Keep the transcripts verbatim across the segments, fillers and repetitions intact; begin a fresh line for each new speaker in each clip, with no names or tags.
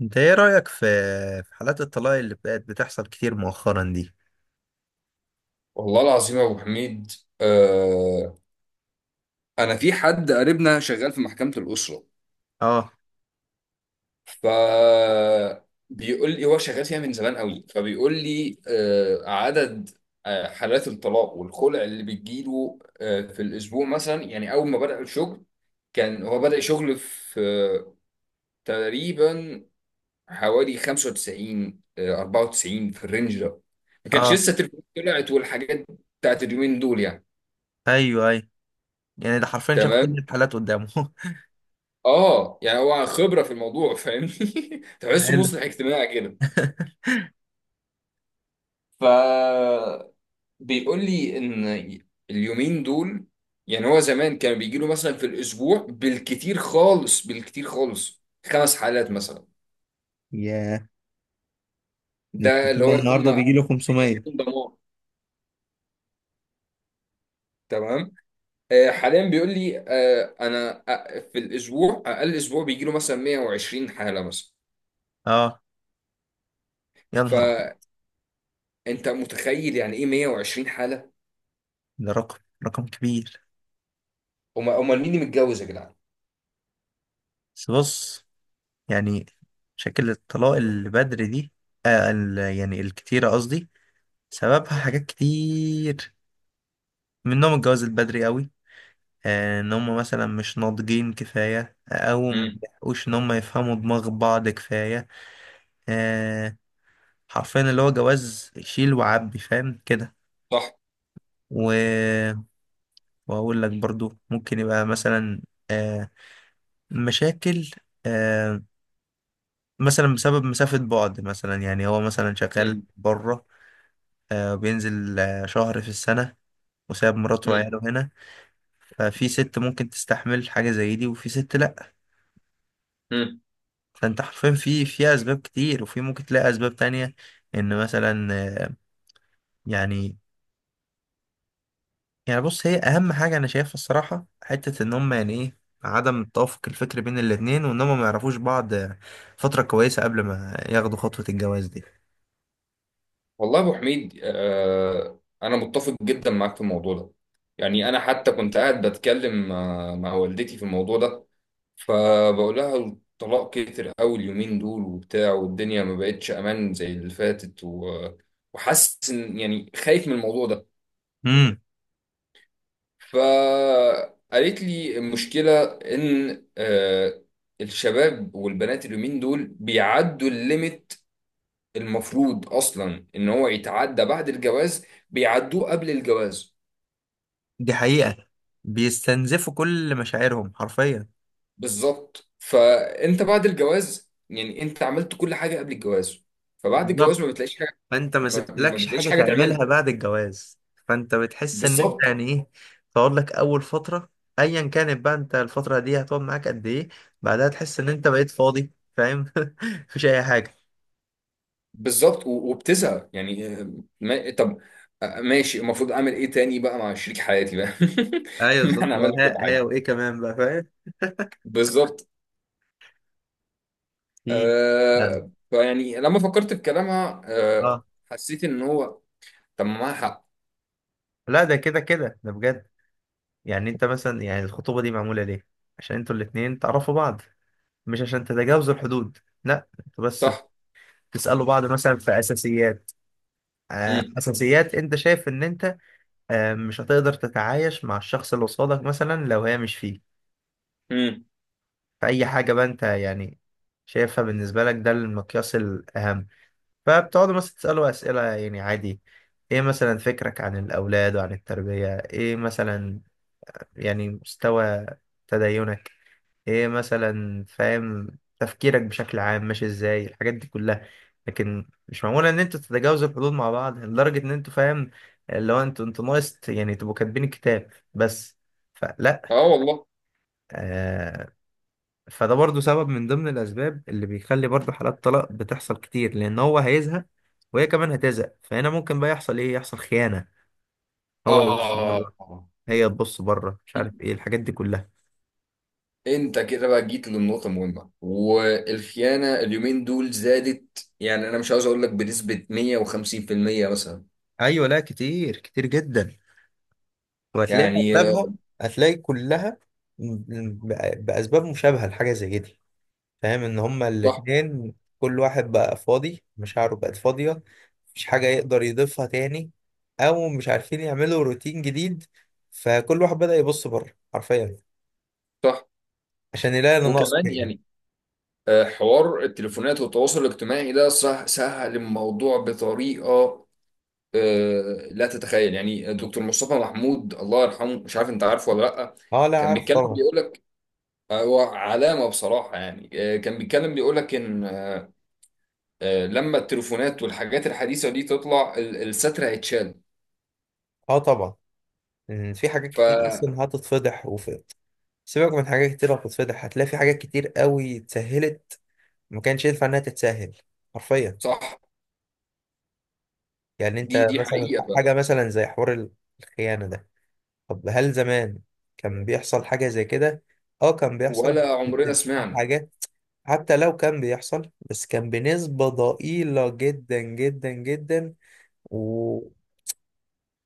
انت ايه رأيك في في حالات الطلاق اللي بقت بتحصل كتير مؤخرا دي.
والله العظيم يا ابو حميد، آه انا في حد قريبنا شغال في محكمة الأسرة.
اه
ف بيقول لي هو شغال فيها من زمان قوي. فبيقول لي آه عدد آه حالات الطلاق والخلع اللي بتجيله آه في الاسبوع مثلا. يعني اول ما بدأ الشغل كان هو بدأ شغل في آه تقريبا حوالي خمسة وتسعين، آه أربعة وتسعين، في الرينج ده. ما كانش
اه.
لسه التليفونات طلعت والحاجات بتاعت اليومين دول يعني.
ايوه ايوه، يعني ده حرفيا شاف كل
تمام.
الحالات قدامه.
اه، يعني هو خبره في الموضوع فاهمني. تحسه
حلو.
مصلح اجتماعي كده. ف بيقول لي ان اليومين دول يعني، هو زمان كان بيجي له مثلا في الاسبوع بالكتير خالص بالكتير خالص خمس حالات مثلا.
ياه، ده
ده اللي
التطلع
هو يكون
النهارده
مع
بيجي له
الدنيا
خمسميه.
تكون دمار. تمام. آه حاليا بيقول لي آه انا أ- في الاسبوع اقل اسبوع بيجي له مثلا مية وعشرين حاله مثلا.
اه، يا نهار ابيض،
فانت متخيل يعني ايه مية وعشرين حاله؟
ده رقم، رقم كبير.
امال امال مين اللي متجوز يا جدعان؟
بس بص، يعني شكل الطلاق اللي بدري دي، آه ال- يعني الكتيرة قصدي، سببها حاجات كتير، منهم الجواز البدري قوي، آه، ان هم مثلا مش ناضجين كفايه او ما بيحقوش ان هم يفهموا دماغ بعض كفايه، آه، حرفيا اللي هو جواز شيل وعبي فاهم كده.
صح.
و... واقول لك برضو ممكن يبقى مثلا آه، مشاكل، آه، مثلا بسبب مسافه بعد، مثلا يعني هو مثلا شغال
مم.
بره، آه، بينزل آه، شهر في السنه وساب مراته
مم.
وعياله هنا. ففي ست ممكن تستحمل حاجة زي دي وفي ست لأ.
مم.
فانت حرفيا في في اسباب كتير، وفي ممكن تلاقي اسباب تانية، ان مثلا آه، يعني، يعني بص هي اهم حاجه انا شايفها الصراحه حته ان هم يعني ايه، عدم التوافق الفكري بين الاتنين وان هم ما يعرفوش بعض آه، فتره كويسه قبل ما ياخدوا خطوه الجواز دي.
والله يا ابو حميد، آه انا متفق جدا معاك في الموضوع ده. يعني انا حتى كنت قاعد بتكلم آه، مع والدتي في الموضوع ده، فبقول لها الطلاق كتر قوي اليومين دول وبتاع، والدنيا ما بقتش امان زي اللي فاتت و... وحاسس ان يعني خايف من الموضوع ده.
امم.
فقالت لي المشكله ان آه الشباب والبنات اليومين دول بيعدوا الليميت. المفروض اصلا ان هو يتعدى بعد الجواز، بيعدوه قبل الجواز.
دي حقيقه، بيستنزفوا كل مشاعرهم حرفيا.
بالظبط. فانت بعد الجواز يعني انت عملت كل حاجه قبل الجواز، فبعد الجواز
بالظبط،
ما بتلاقيش حاجه.
فانت ما
ما ما
سبتلكش حاجه
بتلاقيش حاجه تعملها.
تعملها بعد الجواز. فانت بتحس ان انت
بالظبط.
يعني ايه، تقعد لك اول فتره، ايا كانت بقى انت الفتره دي هتقعد معاك قد ايه، بعدها تحس ان انت بقيت فاضي فاهم. مفيش اي حاجه.
بالظبط. و- وبتزهق يعني آه، ما... طب، آه، ماشي. المفروض اعمل ايه تاني بقى مع شريك حياتي بقى؟
ايوه
ما
بالظبط.
احنا عملنا كل
ها ها،
حاجه.
وايه كمان بقى فاهم،
بالظبط.
في، يعني،
آه... فيعني لما فكرت في كلامها، آه...
اه.
حسيت ان هو، طب ما معاها حق.
لا ده كده كده ده بجد. يعني انت مثلا، يعني الخطوبه دي معموله ليه؟ عشان انتوا الاتنين تعرفوا بعض، مش عشان تتجاوزوا الحدود. لا، انتوا بس
صح.
بتسالوا بعض مثلا في اساسيات، آه،
مم.
اساسيات انت شايف ان انت آه، مش هتقدر تتعايش مع الشخص اللي قصادك مثلا لو هي مش فيه.
امم.
فأي حاجة بقى أنت يعني شايفها بالنسبة لك ده المقياس الأهم. فبتقعدوا مثلا تسألوا أسئلة يعني عادي، إيه مثلا فكرك عن الأولاد وعن التربية، إيه مثلا يعني مستوى تدينك، إيه مثلا فاهم تفكيرك بشكل عام ماشي إزاي، الحاجات دي كلها. لكن مش معمولة إن أنتوا تتجاوزوا الحدود مع بعض لدرجة إن أنتوا فاهم، اللي هو أنتوا أنتوا ناقص يعني تبقوا كاتبين الكتاب بس. فلا،
اه والله.
آه، فده برضو سبب من ضمن الأسباب اللي بيخلي برضو حالات طلاق بتحصل كتير، لأن هو هيزهق وهي كمان هتزهق. فهنا ممكن بقى يحصل إيه، يحصل خيانة، هو يبص
آه
بره، هي تبص بره، مش عارف إيه الحاجات دي كلها.
أنت كده بقى جيت للنقطة المهمة، والخيانة اليومين دول زادت. يعني أنا مش عاوز أقول لك بنسبة مية وخمسين في المية مثلا،
أيوة لا، كتير كتير جدا. وهتلاقي
يعني آه،
أغلبها، هتلاقي كلها ب- بأسباب مشابهة لحاجة زي دي، فاهم إن هما
صح
الاتنين كل واحد بقى فاضي، مشاعره بقت فاضية، مش حاجة يقدر يضيفها تاني، أو مش عارفين يعملوا روتين جديد. فكل واحد بدأ يبص بره حرفيا
صح.
عشان يلاقي اللي ناقص
وكمان
فيه.
يعني آه، حوار التليفونات والتواصل الاجتماعي ده صح سهل الموضوع بطريقة. آه، لا تتخيل. يعني دكتور مصطفى محمود الله يرحمه، مش عارف أنت عارفه ولا لأ؟
اه لا
كان
عارف
بيتكلم
طبعا.
بيقول لك هو علامة بصراحة. يعني آه، كان بيتكلم بيقول لك إن آه، آه، لما التليفونات والحاجات الحديثة دي تطلع، ال- الستر هيتشال.
اه طبعا، إن في حاجات كتير
فصح.
أصلا هتتفضح، وفي، سيبك من حاجات كتير هتتفضح، هتلاقي في حاجات كتير قوي اتسهلت ما كانش ينفع إنها تتسهل حرفيا. يعني
دي
أنت
دي
مثلا
حقيقة بقى،
حاجة مثلا زي حوار الخيانة ده، طب هل زمان كان بيحصل حاجة زي كده؟ اه كان بيحصل،
ولا عمرنا
بتبقى
سمعنا.
حاجات، حتى لو كان بيحصل بس كان بنسبة ضئيلة جدا جدا جدا. و...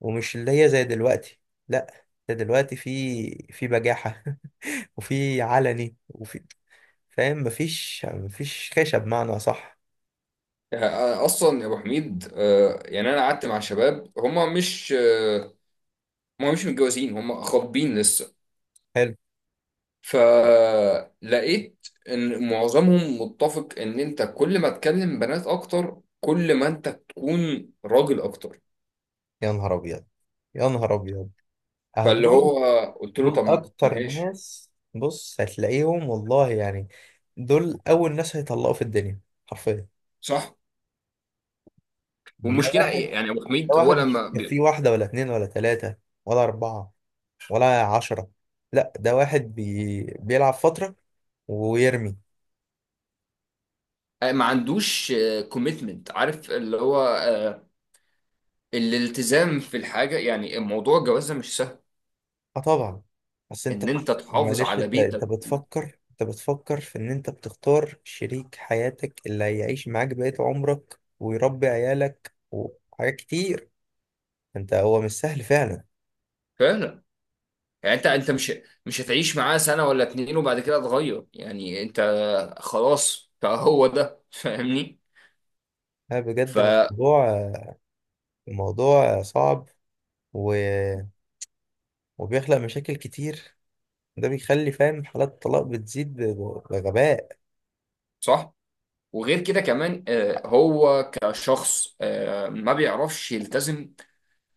ومش اللي هي زي دلوقتي. لا ده دلوقتي في في بجاحة وفي علني وفي فاهم، مفيش مفيش خشب بمعنى صح.
يعني، آه، أصلا يا أبو حميد، آه، يعني أنا قعدت مع شباب هما مش آه، هما مش متجوزين، هما خاطبين لسه.
حلو.
فلقيت إن معظمهم متفق إن أنت كل ما تكلم بنات أكتر كل ما أنت تكون راجل أكتر.
يا نهار ابيض، يا نهار ابيض، اهو
فاللي
دول،
هو قلت له
دول
طب
اكتر
ماشي.
ناس بص هتلاقيهم والله يعني، دول اول ناس هيطلقوا في الدنيا حرفيا.
صح.
ده
والمشكله
واحد،
ايه يعني يا ابو
ده
حميد، هو
واحد مش
لما
في
بي-
واحدة ولا اتنين ولا تلاتة ولا أربعة ولا عشرة. لا ده واحد بي... بيلعب فترة ويرمي.
آه، ما عندوش كوميتمنت، عارف اللي هو آه، الالتزام في الحاجه. يعني موضوع الجواز ده مش سهل،
اه طبعا. بس انت،
ان انت تحافظ
معلش،
على
انت انت
بيتك.
بتفكر، انت بتفكر في ان انت بتختار شريك حياتك اللي هيعيش معاك بقية عمرك ويربي عيالك وحاجات كتير. انت هو مش سهل فعلا.
فعلا. يعني انت انت مش مش هتعيش معاه سنه ولا اتنين وبعد كده تغير. يعني انت خلاص فهو ده فاهمني.
اه بجد،
فصح.
الموضوع، الموضوع صعب. و... وبيخلق مشاكل كتير. ده بيخلي فاهم حالات الطلاق بتزيد ب- بغباء.
وغير كده كمان، آه، هو كشخص آه، ما بيعرفش يلتزم.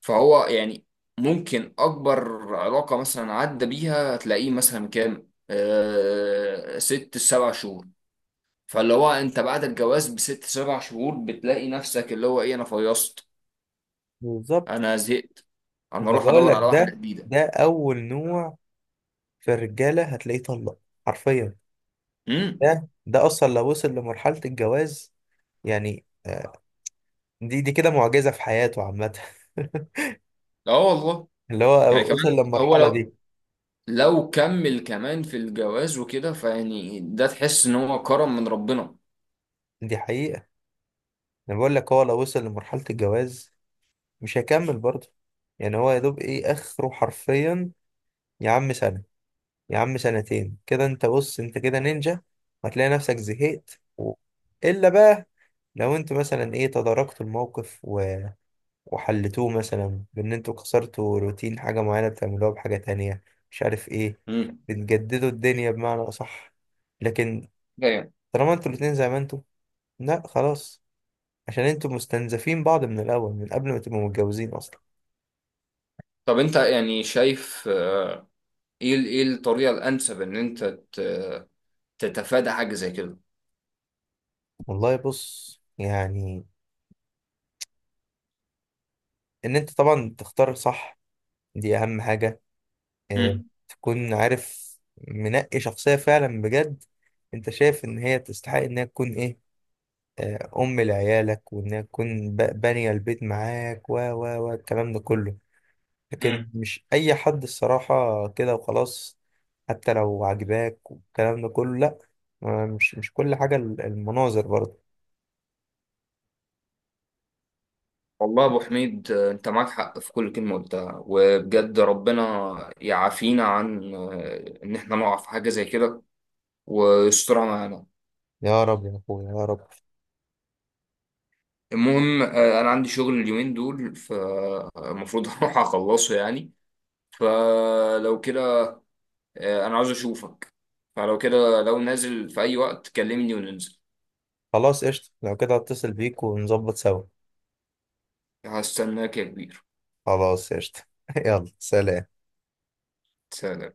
فهو يعني ممكن أكبر علاقة مثلا عدى بيها هتلاقيه مثلا كام؟ آه ست سبع شهور. فاللي هو أنت بعد الجواز بست سبع شهور بتلاقي نفسك اللي هو إيه، أنا فيصت،
بالظبط.
أنا زهقت،
ما
أنا
انا
أروح
بقول
أدور
لك
على واحدة
ده،
جديدة.
ده اول نوع في الرجاله هتلاقيه طلق حرفيا.
امم.
ده ده اصلا لو وصل لمرحله الجواز، يعني آه، دي دي كده معجزه في حياته عامه.
لا والله.
اللي
يعني
هو وصل
كمان هو
للمرحله
لو
دي.
لو كمل كمان في الجواز وكده، فيعني ده تحس إن هو كرم من ربنا.
دي حقيقه، انا بقول لك هو لو وصل لمرحله الجواز مش هيكمل برضه. يعني هو يا دوب ايه اخره حرفيا، يا عم سنه، يا عم سنتين، كده انت بص انت كده نينجا. هتلاقي نفسك زهقت و... الا بقى لو انت مثلا ايه، تداركت الموقف وحلتوه مثلا بان انتوا كسرتوا روتين حاجة معينة بتعملوها بحاجة تانية، مش عارف ايه،
امم.
بتجددوا الدنيا بمعنى اصح. لكن طالما انتوا الاتنين زي ما انتوا، لا خلاص، عشان انتوا مستنزفين بعض من الاول، من قبل ما تبقوا متجوزين اصلا.
طب أنت يعني شايف آه، ايه ال- ايه الطريقه الانسب ان انت ت- تتفادى حاجه زي كده؟
والله بص يعني، ان انت طبعا تختار صح، دي اهم حاجة. اه.
مم.
تكون عارف، منقي شخصية فعلا بجد، انت شايف ان هي تستحق انها تكون ايه، آه، أم لعيالك، وإنها تكون ب- بانية البيت معاك و و و الكلام ده كله. لكن
مم.
مش أي حد الصراحة كده وخلاص، حتى لو عجباك والكلام ده كله لأ. آه، مش مش كل حاجة ال- المناظر برضه.
والله يا ابو حميد، آه، انت معاك حق في كل كلمه قلتها. وبجد ربنا يعافينا عن آه، ان احنا نقع في حاجه زي كده ويسترها معانا.
يا رب يا أخويا يا رب.
المهم، آه، انا عندي شغل اليومين دول فالمفروض هروح اخلصه يعني. فلو كده، آه، انا عاوز اشوفك. فلو كده لو نازل في اي وقت كلمني وننزل.
خلاص قشطة، لو كده هتصل بيك ونظبط سوا.
هستناك يا كبير.
خلاص قشطة. يلا سلام.
سلام.